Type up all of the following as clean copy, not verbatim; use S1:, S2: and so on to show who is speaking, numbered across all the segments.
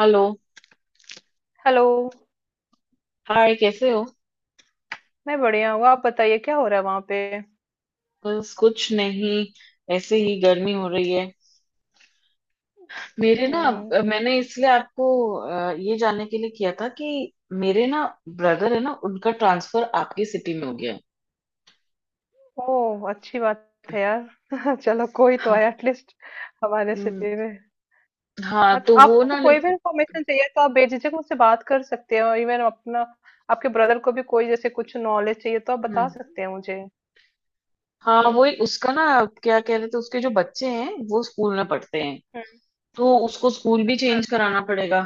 S1: Hello.
S2: Hello.
S1: Hi, कैसे हो?
S2: मैं बढ़िया हूँ, आप बताइए क्या हो रहा है वहां पे।
S1: बस कुछ नहीं। ऐसे ही गर्मी हो रही है। मेरे ना,
S2: हम्म।
S1: मैंने इसलिए आपको ये जानने के लिए किया था कि मेरे ना ब्रदर है ना, उनका ट्रांसफर आपकी सिटी में हो गया है।
S2: ओह, अच्छी बात है यार। चलो, कोई तो
S1: हाँ।
S2: आया एटलीस्ट हमारे
S1: हम्म।
S2: सिटी में।
S1: हाँ,
S2: हाँ तो
S1: तो वो
S2: आपको
S1: ना
S2: कोई भी
S1: लेकिन।
S2: इंफॉर्मेशन चाहिए तो आप बेझिझक मुझसे बात कर सकते हो। इवन अपना आपके ब्रदर को भी कोई जैसे कुछ नॉलेज चाहिए तो आप बता
S1: हम्म।
S2: सकते हैं मुझे।
S1: हाँ,
S2: हम्म।
S1: वो उसका ना, क्या कह रहे थे, उसके जो बच्चे हैं वो स्कूल में पढ़ते हैं,
S2: हम्म।
S1: तो उसको स्कूल भी
S2: अच्छा,
S1: चेंज
S2: अच्छा।
S1: कराना पड़ेगा।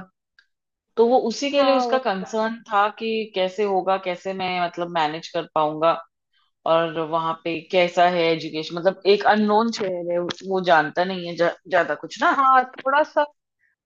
S1: तो वो उसी के लिए,
S2: हाँ
S1: उसका
S2: वो तो।
S1: कंसर्न था कि कैसे होगा, कैसे मैं मतलब मैनेज कर पाऊंगा। और वहां पे कैसा है एजुकेशन, मतलब एक अननोन शहर है, वो जानता नहीं है ज्यादा कुछ ना।
S2: हाँ, थोड़ा सा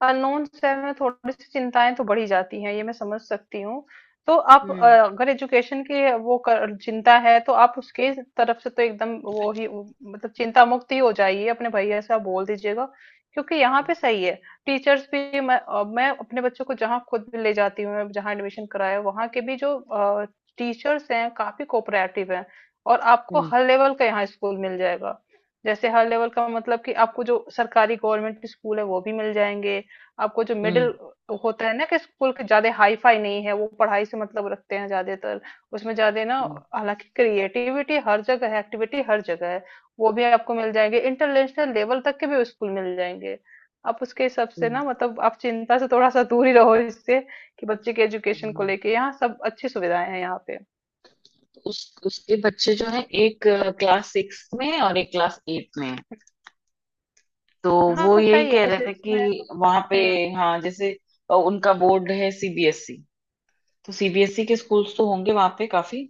S2: अननोन से हमें थोड़ी सी चिंताएँ तो बढ़ ही जाती हैं, ये मैं समझ सकती हूँ। तो आप
S1: हम्म।
S2: अगर एजुकेशन की वो कर चिंता है तो आप उसके तरफ से तो एकदम वो ही उ, मतलब चिंता मुक्त ही हो जाइए, अपने भैया से आप बोल दीजिएगा। क्योंकि यहाँ पे सही है, टीचर्स भी मैं अपने बच्चों को जहाँ खुद भी ले जाती हूँ, जहाँ एडमिशन कराया वहाँ के भी जो टीचर्स हैं काफ़ी कोऑपरेटिव हैं। और आपको
S1: हम्म।
S2: हर लेवल का यहाँ स्कूल मिल जाएगा। जैसे हर लेवल का मतलब कि आपको जो सरकारी गवर्नमेंट स्कूल है वो भी मिल जाएँगे। आपको जो
S1: हम्म।
S2: मिडिल होता है ना, कि स्कूल के ज्यादा हाई फाई नहीं है, वो पढ़ाई से मतलब रखते हैं ज्यादातर, उसमें ज्यादा ना।
S1: हम्म।
S2: हालांकि क्रिएटिविटी हर जगह है, एक्टिविटी हर जगह है, वो भी आपको मिल जाएंगे, इंटरनेशनल लेवल तक के भी स्कूल मिल जाएंगे। आप उसके हिसाब से
S1: हम्म।
S2: ना, मतलब आप चिंता से थोड़ा सा दूर ही रहो इससे, कि बच्चे के एजुकेशन को
S1: हम्म।
S2: लेके यहाँ सब अच्छी सुविधाएं हैं यहाँ पे।
S1: उस उसके बच्चे जो हैं, एक क्लास 6 में है और एक क्लास 8 में है। तो
S2: हाँ
S1: वो
S2: तो
S1: यही
S2: सही
S1: कह
S2: है
S1: रहे थे
S2: सिक्स
S1: कि
S2: में तो।
S1: वहां पे
S2: हम्म।
S1: हाँ, जैसे उनका बोर्ड है सीबीएसई। तो सीबीएसई के स्कूल्स तो होंगे वहां पे काफी।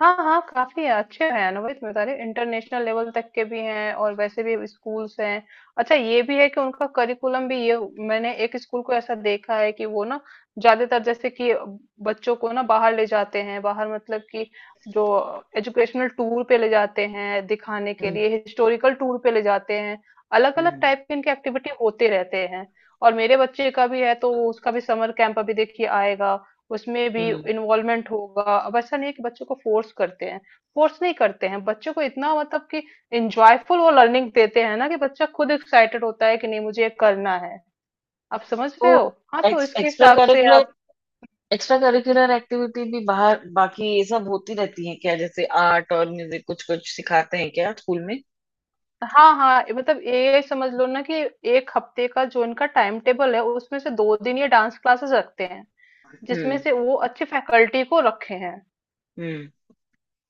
S2: हाँ हाँ, काफी है, अच्छे हैं, अनुभवित बता रही, इंटरनेशनल लेवल तक के भी हैं और वैसे भी स्कूल्स हैं। अच्छा, ये भी है कि उनका करिकुलम भी ये, मैंने एक स्कूल को ऐसा देखा है कि वो ना ज्यादातर जैसे कि बच्चों को ना बाहर ले जाते हैं। बाहर मतलब कि जो एजुकेशनल टूर पे ले जाते हैं दिखाने के
S1: हम्म।
S2: लिए, हिस्टोरिकल टूर पे ले जाते हैं। अलग अलग
S1: हम्म।
S2: टाइप के इनके एक्टिविटी होते रहते हैं। और मेरे बच्चे का भी है, तो उसका भी समर कैंप अभी देखिए आएगा, उसमें भी
S1: हम्म।
S2: इन्वॉल्वमेंट होगा। अब ऐसा नहीं है कि बच्चों को फोर्स करते हैं। फोर्स नहीं करते हैं बच्चों को इतना, मतलब कि इंजॉयफुल वो लर्निंग देते हैं ना, कि बच्चा खुद एक्साइटेड होता है कि नहीं मुझे ये करना है। आप समझ
S1: तो
S2: रहे हो। हाँ तो
S1: एक्स,
S2: इसके
S1: एक्स्ट्रा
S2: हिसाब से
S1: करिकुलर
S2: आप।
S1: एक्स्ट्रा करिकुलर एक्टिविटी भी बाहर, बाकी ये सब होती रहती है क्या? जैसे आर्ट और म्यूजिक कुछ कुछ सिखाते हैं क्या स्कूल में?
S2: हाँ हाँ, ये मतलब ये समझ लो ना कि 1 हफ्ते का जो इनका टाइम टेबल है, उसमें से 2 दिन ये डांस क्लासेस रखते हैं, जिसमें
S1: हम्म।
S2: से वो अच्छे फैकल्टी को रखे हैं।
S1: हम्म।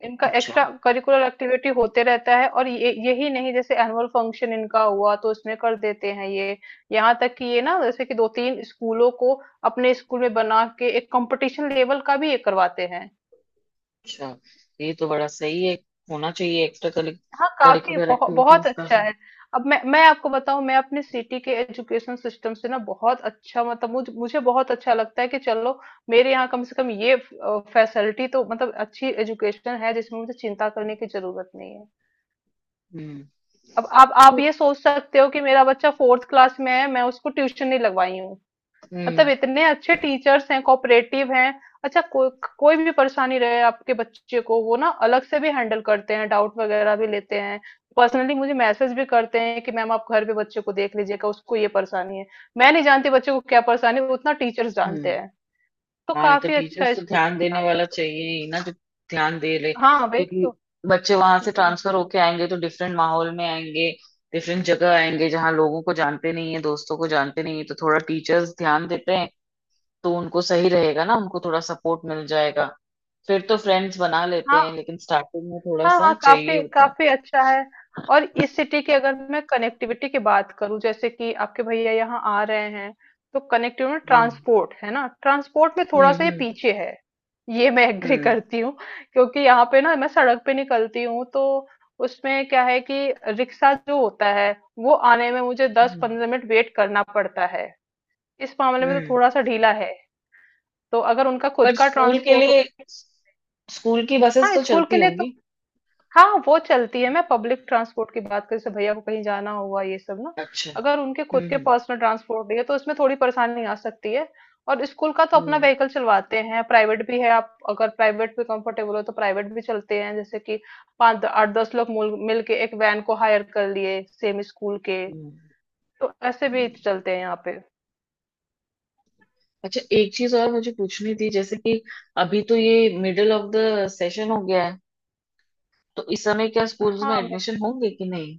S2: इनका
S1: अच्छा।
S2: एक्स्ट्रा करिकुलर एक्टिविटी होते रहता है। और ये यही नहीं, जैसे एनुअल फंक्शन इनका हुआ तो इसमें कर देते हैं ये। यहाँ तक कि ये ना, जैसे कि 2-3 स्कूलों को अपने स्कूल में बना के एक कंपटीशन लेवल का भी ये करवाते हैं।
S1: अच्छा, ये तो बड़ा सही है, होना चाहिए एक्स्ट्रा
S2: हाँ, काफी
S1: करिकुलर
S2: बहुत बहुत
S1: एक्टिविटीज का।
S2: अच्छा है। अब मैं आपको बताऊं, मैं अपने सिटी के एजुकेशन सिस्टम से ना बहुत अच्छा, मतलब मुझे मुझे बहुत अच्छा लगता है कि चलो मेरे यहाँ कम से कम ये फैसिलिटी तो, मतलब अच्छी एजुकेशन है जिसमें मुझे चिंता करने की जरूरत नहीं है।
S1: हम्म।
S2: अब आप ये सोच सकते हो कि मेरा बच्चा फोर्थ क्लास में है, मैं उसको ट्यूशन नहीं लगवाई हूँ।
S1: हम्म।
S2: मतलब इतने अच्छे टीचर्स हैं, कोऑपरेटिव हैं। अच्छा। कोई भी परेशानी रहे आपके बच्चे को, वो ना अलग से भी हैंडल करते हैं, डाउट वगैरह भी लेते हैं। पर्सनली मुझे मैसेज भी करते हैं कि मैम आप घर पे बच्चे को देख लीजिएगा, उसको ये परेशानी है। मैं नहीं जानती बच्चे को क्या परेशानी है, उतना टीचर्स
S1: हम्म।
S2: जानते हैं। तो
S1: हाँ, तो
S2: काफी अच्छा
S1: टीचर्स तो
S2: स्कूल
S1: ध्यान
S2: है यहाँ
S1: देने
S2: पे
S1: वाला
S2: तो।
S1: चाहिए ही ना, जो ध्यान दे ले,
S2: हाँ वही
S1: क्योंकि
S2: तो।
S1: बच्चे वहां से
S2: हम्म।
S1: ट्रांसफर होके आएंगे तो डिफरेंट माहौल में आएंगे। डिफरेंट जगह आएंगे, जहाँ लोगों को जानते नहीं है, दोस्तों को जानते नहीं है, तो थोड़ा टीचर्स ध्यान देते हैं तो उनको सही रहेगा ना, उनको थोड़ा सपोर्ट मिल जाएगा। फिर तो फ्रेंड्स बना लेते हैं,
S2: हाँ
S1: लेकिन स्टार्टिंग में थोड़ा
S2: हाँ
S1: सा
S2: हाँ,
S1: चाहिए
S2: काफी
S1: होता है।
S2: काफी अच्छा है। और इस सिटी की अगर मैं कनेक्टिविटी की बात करूं, जैसे कि आपके भैया यहाँ आ रहे हैं, तो कनेक्टिविटी में
S1: हम्म।
S2: ट्रांसपोर्ट है ना, ट्रांसपोर्ट में थोड़ा सा ये
S1: हम्म।
S2: पीछे है, ये मैं एग्री
S1: हम्म।
S2: करती हूँ। क्योंकि यहाँ पे ना मैं सड़क पे निकलती हूँ, तो उसमें क्या है कि रिक्शा जो होता है, वो आने में मुझे दस
S1: हम्म।
S2: पंद्रह मिनट वेट करना पड़ता है। इस मामले में तो
S1: हम्म।
S2: थोड़ा सा ढीला है, तो अगर उनका खुद
S1: पर
S2: का
S1: स्कूल के
S2: ट्रांसपोर्ट हो।
S1: लिए, स्कूल की बसेस
S2: हाँ
S1: तो
S2: स्कूल के
S1: चलती
S2: लिए तो
S1: होंगी।
S2: हाँ, वो चलती है, मैं पब्लिक ट्रांसपोर्ट की बात कर, जैसे भैया को कहीं जाना हुआ ये सब ना,
S1: अच्छा।
S2: अगर उनके खुद के
S1: हम्म।
S2: पर्सनल ट्रांसपोर्ट नहीं है तो उसमें थोड़ी परेशानी आ सकती है। और स्कूल का तो अपना
S1: हम्म।
S2: व्हीकल चलवाते हैं, प्राइवेट भी है, आप अगर प्राइवेट में कंफर्टेबल हो तो प्राइवेट भी चलते हैं, जैसे कि 5 8-10 लोग मिल के एक वैन को हायर कर लिए सेम स्कूल के,
S1: हम्म।
S2: तो ऐसे भी
S1: हम्म।
S2: चलते हैं यहाँ पे।
S1: अच्छा, एक चीज और मुझे पूछनी थी, जैसे कि अभी तो ये मिडिल ऑफ द सेशन हो गया है, तो इस समय क्या स्कूल्स में
S2: हाँ,
S1: एडमिशन होंगे कि नहीं?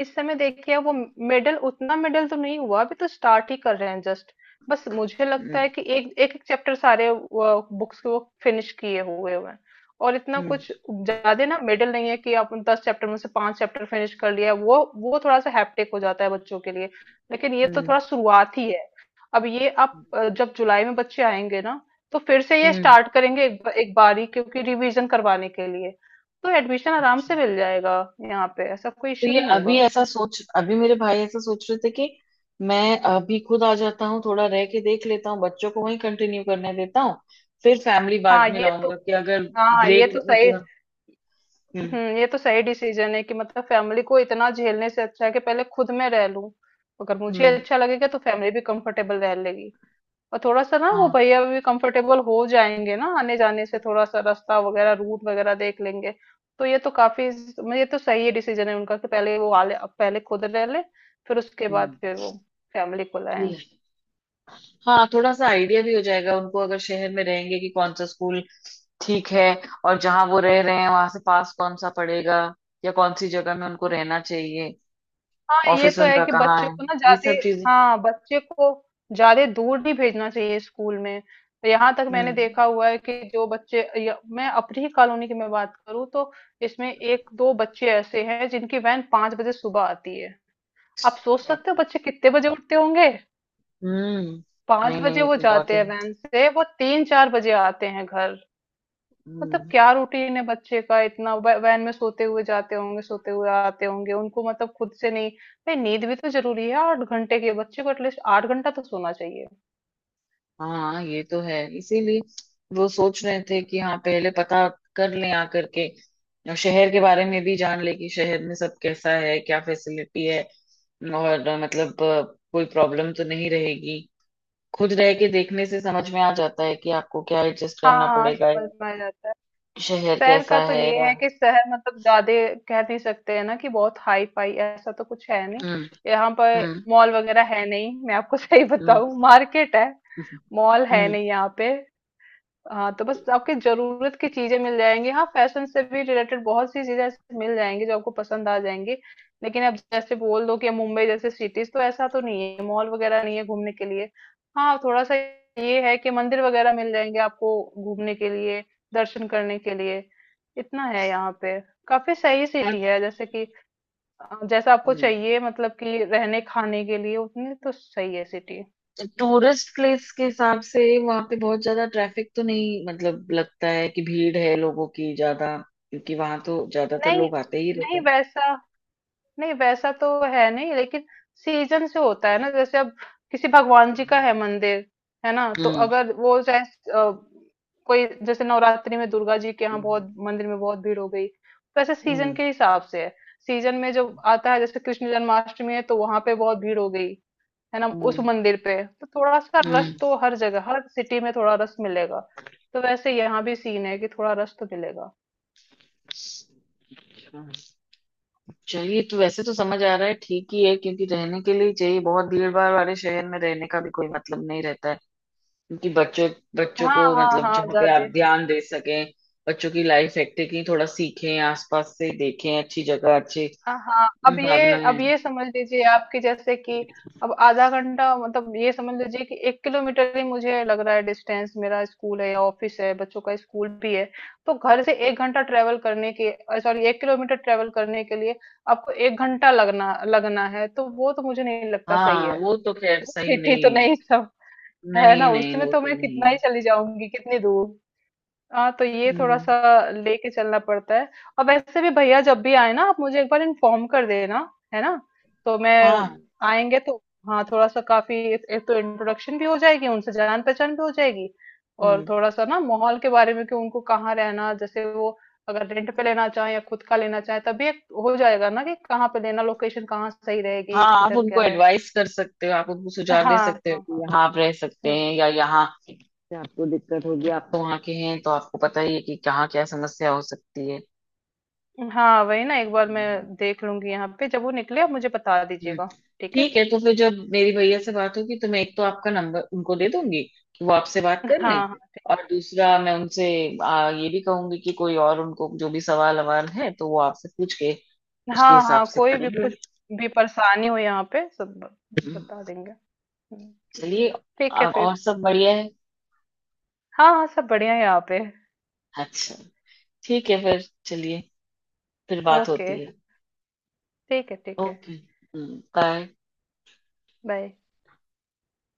S2: इस समय देखिए वो मेडल, उतना मेडल तो नहीं हुआ, अभी तो स्टार्ट ही कर रहे हैं जस्ट। बस मुझे
S1: हम्म।
S2: लगता है कि एक एक एक चैप्टर सारे बुक्स को फिनिश किए हुए हुए हैं। और इतना
S1: हम्म।
S2: कुछ ज्यादा ना मेडल नहीं है कि आप 10 चैप्टर में से 5 चैप्टर फिनिश कर लिया, वो थोड़ा सा हैप्टिक हो जाता है बच्चों के लिए। लेकिन ये तो
S1: हम्म।
S2: थोड़ा शुरुआत ही है। अब ये आप जब जुलाई में बच्चे आएंगे ना, तो फिर से ये
S1: हम्म।
S2: स्टार्ट करेंगे एक बारी, क्योंकि रिवीजन करवाने के लिए। तो एडमिशन आराम
S1: अच्छा,
S2: से मिल जाएगा, यहाँ पे ऐसा कोई
S1: तो
S2: इश्यू
S1: ये
S2: नहीं होगा।
S1: अभी ऐसा सोच, अभी मेरे भाई ऐसा सोच रहे थे कि मैं अभी खुद आ जाता हूँ, थोड़ा रह के देख लेता हूँ, बच्चों को वहीं कंटिन्यू करने देता हूँ, फिर फैमिली बाद
S2: हाँ
S1: में
S2: ये तो।
S1: लाऊंगा कि अगर
S2: हाँ ये
S1: ब्रेक
S2: तो सही।
S1: मतलब। हम्म।
S2: ये तो सही डिसीजन है कि मतलब फैमिली को इतना झेलने से अच्छा है कि पहले खुद में रह लूं। अगर मुझे
S1: हम्म।
S2: अच्छा लगेगा तो फैमिली भी कंफर्टेबल रह लेगी। और थोड़ा सा ना वो
S1: हाँ।
S2: भैया भी कंफर्टेबल हो जाएंगे ना, आने जाने से थोड़ा सा रास्ता वगैरह, रूट वगैरह देख लेंगे। तो ये तो काफी, मतलब ये तो सही डिसीजन है उनका कि पहले वो आले, पहले खुद रह ले, फिर उसके बाद
S1: हम्म।
S2: फिर वो फैमिली को लाए।
S1: हाँ, थोड़ा सा आइडिया भी हो जाएगा उनको अगर शहर में रहेंगे, कि कौन सा स्कूल ठीक है, और जहाँ वो रह रहे हैं वहां से पास कौन सा पड़ेगा, या कौन सी जगह में उनको रहना चाहिए,
S2: हाँ ये
S1: ऑफिस
S2: तो है
S1: उनका
S2: कि
S1: कहाँ
S2: बच्चों
S1: है,
S2: को ना
S1: ये
S2: ज्यादा,
S1: सब चीजें।
S2: हाँ बच्चे को ज्यादा दूर नहीं भेजना चाहिए स्कूल में। तो यहाँ तक मैंने
S1: हम्म।
S2: देखा हुआ है कि जो बच्चे या, मैं अपनी ही कॉलोनी की मैं बात करूँ तो, इसमें एक दो बच्चे ऐसे हैं जिनकी वैन 5 बजे सुबह आती है। आप सोच सकते हो
S1: हाँ।
S2: बच्चे कितने बजे उठते होंगे।
S1: हम्म।
S2: पांच
S1: नहीं नहीं,
S2: बजे
S1: ये
S2: वो
S1: तो बहुत
S2: जाते
S1: ही।
S2: हैं वैन से, वो 3-4 बजे आते हैं घर। मतलब
S1: हम्म।
S2: क्या रूटीन है बच्चे का, इतना वैन में सोते हुए जाते होंगे, सोते हुए आते होंगे, उनको मतलब खुद से नहीं। भाई नींद भी तो जरूरी है, 8 घंटे के बच्चे को एटलीस्ट 8 घंटा तो सोना चाहिए।
S1: हाँ, ये तो है, इसीलिए वो सोच रहे थे कि हाँ, पहले पता कर लें आकर के, और शहर के बारे में भी जान ले कि शहर में सब कैसा है, क्या फैसिलिटी है, और मतलब कोई प्रॉब्लम तो नहीं रहेगी। खुद रह के देखने से समझ में आ जाता है कि आपको क्या एडजस्ट
S2: हाँ
S1: करना
S2: हाँ,
S1: पड़ेगा,
S2: समझ
S1: या
S2: में आ जाता है।
S1: शहर
S2: शहर का
S1: कैसा
S2: तो
S1: है।
S2: ये है कि शहर मतलब ज्यादा कह नहीं सकते हैं ना, कि बहुत हाई फाई ऐसा तो कुछ है नहीं।
S1: हम्म।
S2: यहाँ पर
S1: हम्म।
S2: मॉल वगैरह है नहीं, मैं आपको सही
S1: हम्म।
S2: बताऊं, मार्केट है, मॉल है
S1: हम्म।
S2: नहीं यहाँ पे। हाँ तो बस आपकी जरूरत की चीजें मिल जाएंगी, हाँ फैशन से भी रिलेटेड बहुत सी चीजें ऐसी मिल जाएंगी जो आपको पसंद आ जाएंगी। लेकिन अब जैसे बोल दो कि मुंबई जैसे सिटीज तो, ऐसा तो नहीं है, मॉल वगैरह नहीं है घूमने के लिए। हाँ थोड़ा सा ये है कि मंदिर वगैरह मिल जाएंगे आपको घूमने के लिए, दर्शन करने के लिए, इतना है यहाँ पे। काफी सही सिटी है, जैसे कि जैसा आपको
S1: हम्म।
S2: चाहिए मतलब कि रहने खाने के लिए, उतनी तो सही है सिटी।
S1: टूरिस्ट प्लेस के हिसाब से वहां पे बहुत ज्यादा ट्रैफिक तो नहीं, मतलब लगता है कि भीड़ है लोगों की ज्यादा, क्योंकि वहां तो ज्यादातर
S2: नहीं
S1: लोग आते ही रहते
S2: नहीं
S1: हैं।
S2: वैसा, नहीं वैसा तो है नहीं, लेकिन सीजन से होता है ना, जैसे अब किसी भगवान जी का है मंदिर, है ना, तो
S1: हम्म।
S2: अगर वो चाहे अ, कोई जैसे नवरात्रि में दुर्गा जी के यहाँ
S1: हम्म।
S2: बहुत मंदिर में बहुत भीड़ हो गई, तो ऐसे सीजन के हिसाब से है। सीजन में जो आता है, जैसे कृष्ण जन्माष्टमी है तो वहां पे बहुत भीड़ हो गई, है ना उस
S1: हम्म।
S2: मंदिर पे, तो थोड़ा सा
S1: हम्म।
S2: रश तो हर जगह, हर सिटी में थोड़ा रश मिलेगा। तो वैसे यहाँ भी सीन है कि थोड़ा रश तो मिलेगा।
S1: अच्छा। चलिए, तो वैसे तो समझ आ रहा है, ठीक ही है, क्योंकि रहने के लिए ही चाहिए, बहुत भीड़ भाड़ वाले शहर में रहने का भी कोई मतलब नहीं रहता है, क्योंकि बच्चों बच्चों
S2: हाँ
S1: को
S2: हाँ
S1: मतलब
S2: हाँ
S1: जहाँ पे आप
S2: जाते।
S1: ध्यान दे सकें, बच्चों की लाइफ एक्टिविटी थोड़ा सीखें, आसपास से देखें, अच्छी जगह, अच्छी
S2: हाँ हाँ, अब ये
S1: भावनाएं।
S2: अब ये समझ लीजिए आपकी, जैसे कि अब आधा घंटा, मतलब ये समझ लीजिए कि 1 किलोमीटर ही मुझे लग रहा है डिस्टेंस, मेरा स्कूल है या ऑफिस है, बच्चों का स्कूल भी है। तो घर से 1 घंटा ट्रेवल करने के, सॉरी 1 किलोमीटर ट्रेवल करने के लिए आपको 1 घंटा लगना लगना है, तो वो तो मुझे नहीं लगता सही
S1: हाँ,
S2: है।
S1: वो तो खैर
S2: वो
S1: सही
S2: सिटी तो
S1: नहीं है।
S2: नहीं सब, है
S1: नहीं
S2: ना,
S1: नहीं,
S2: उसमें
S1: वो
S2: तो
S1: तो
S2: मैं
S1: नहीं
S2: कितना ही
S1: है।
S2: चली जाऊंगी कितनी दूर। हाँ तो ये थोड़ा
S1: हम्म।
S2: सा लेके चलना पड़ता है। और वैसे भी भैया जब भी आए ना, आप मुझे एक बार इन्फॉर्म कर देना, है ना, तो मैं
S1: हाँ।
S2: आएंगे तो हाँ, थोड़ा सा काफी एक एक तो इंट्रोडक्शन भी हो जाएगी उनसे, जान पहचान भी हो जाएगी। और
S1: हम्म।
S2: थोड़ा सा ना माहौल के बारे में कि उनको कहाँ रहना, जैसे वो अगर रेंट पे लेना चाहे या खुद का लेना चाहे, तभी एक हो जाएगा ना कि कहाँ पे लेना, लोकेशन कहाँ सही
S1: हाँ,
S2: रहेगी,
S1: आप
S2: किधर क्या
S1: उनको
S2: है।
S1: एडवाइस कर सकते हो, आप उनको सुझाव दे
S2: हाँ
S1: सकते हो
S2: हाँ
S1: कि
S2: हाँ।
S1: यहाँ आप रह सकते
S2: हम्म।
S1: हैं या यहाँ से आपको दिक्कत होगी, आप तो वहाँ के हैं तो आपको पता ही है कि कहाँ क्या समस्या हो सकती है।
S2: हाँ वही ना, एक बार
S1: हम्म।
S2: मैं देख लूंगी यहाँ पे, जब वो निकले आप मुझे बता दीजिएगा, ठीक है।
S1: ठीक है, तो फिर जब मेरी भैया से बात होगी तो मैं एक तो आपका नंबर उनको दे दूंगी कि वो आपसे बात कर लें,
S2: हाँ
S1: और दूसरा मैं उनसे ये भी कहूंगी कि कोई और उनको जो भी सवाल ववाल है तो वो आपसे पूछ के
S2: हाँ
S1: उसके
S2: हाँ
S1: हिसाब
S2: हाँ,
S1: से
S2: कोई भी
S1: करेंगे।
S2: कुछ भी परेशानी हो यहाँ पे सब बता देंगे। हम्म।
S1: चलिए,
S2: ठीक है
S1: अब
S2: फिर।
S1: और सब बढ़िया है।
S2: हाँ हाँ, सब बढ़िया है यहाँ पे।
S1: अच्छा। ठीक है फिर। चलिए, फिर बात
S2: ओके,
S1: होती है।
S2: ठीक है ठीक है,
S1: ओके। बाय।
S2: बाय।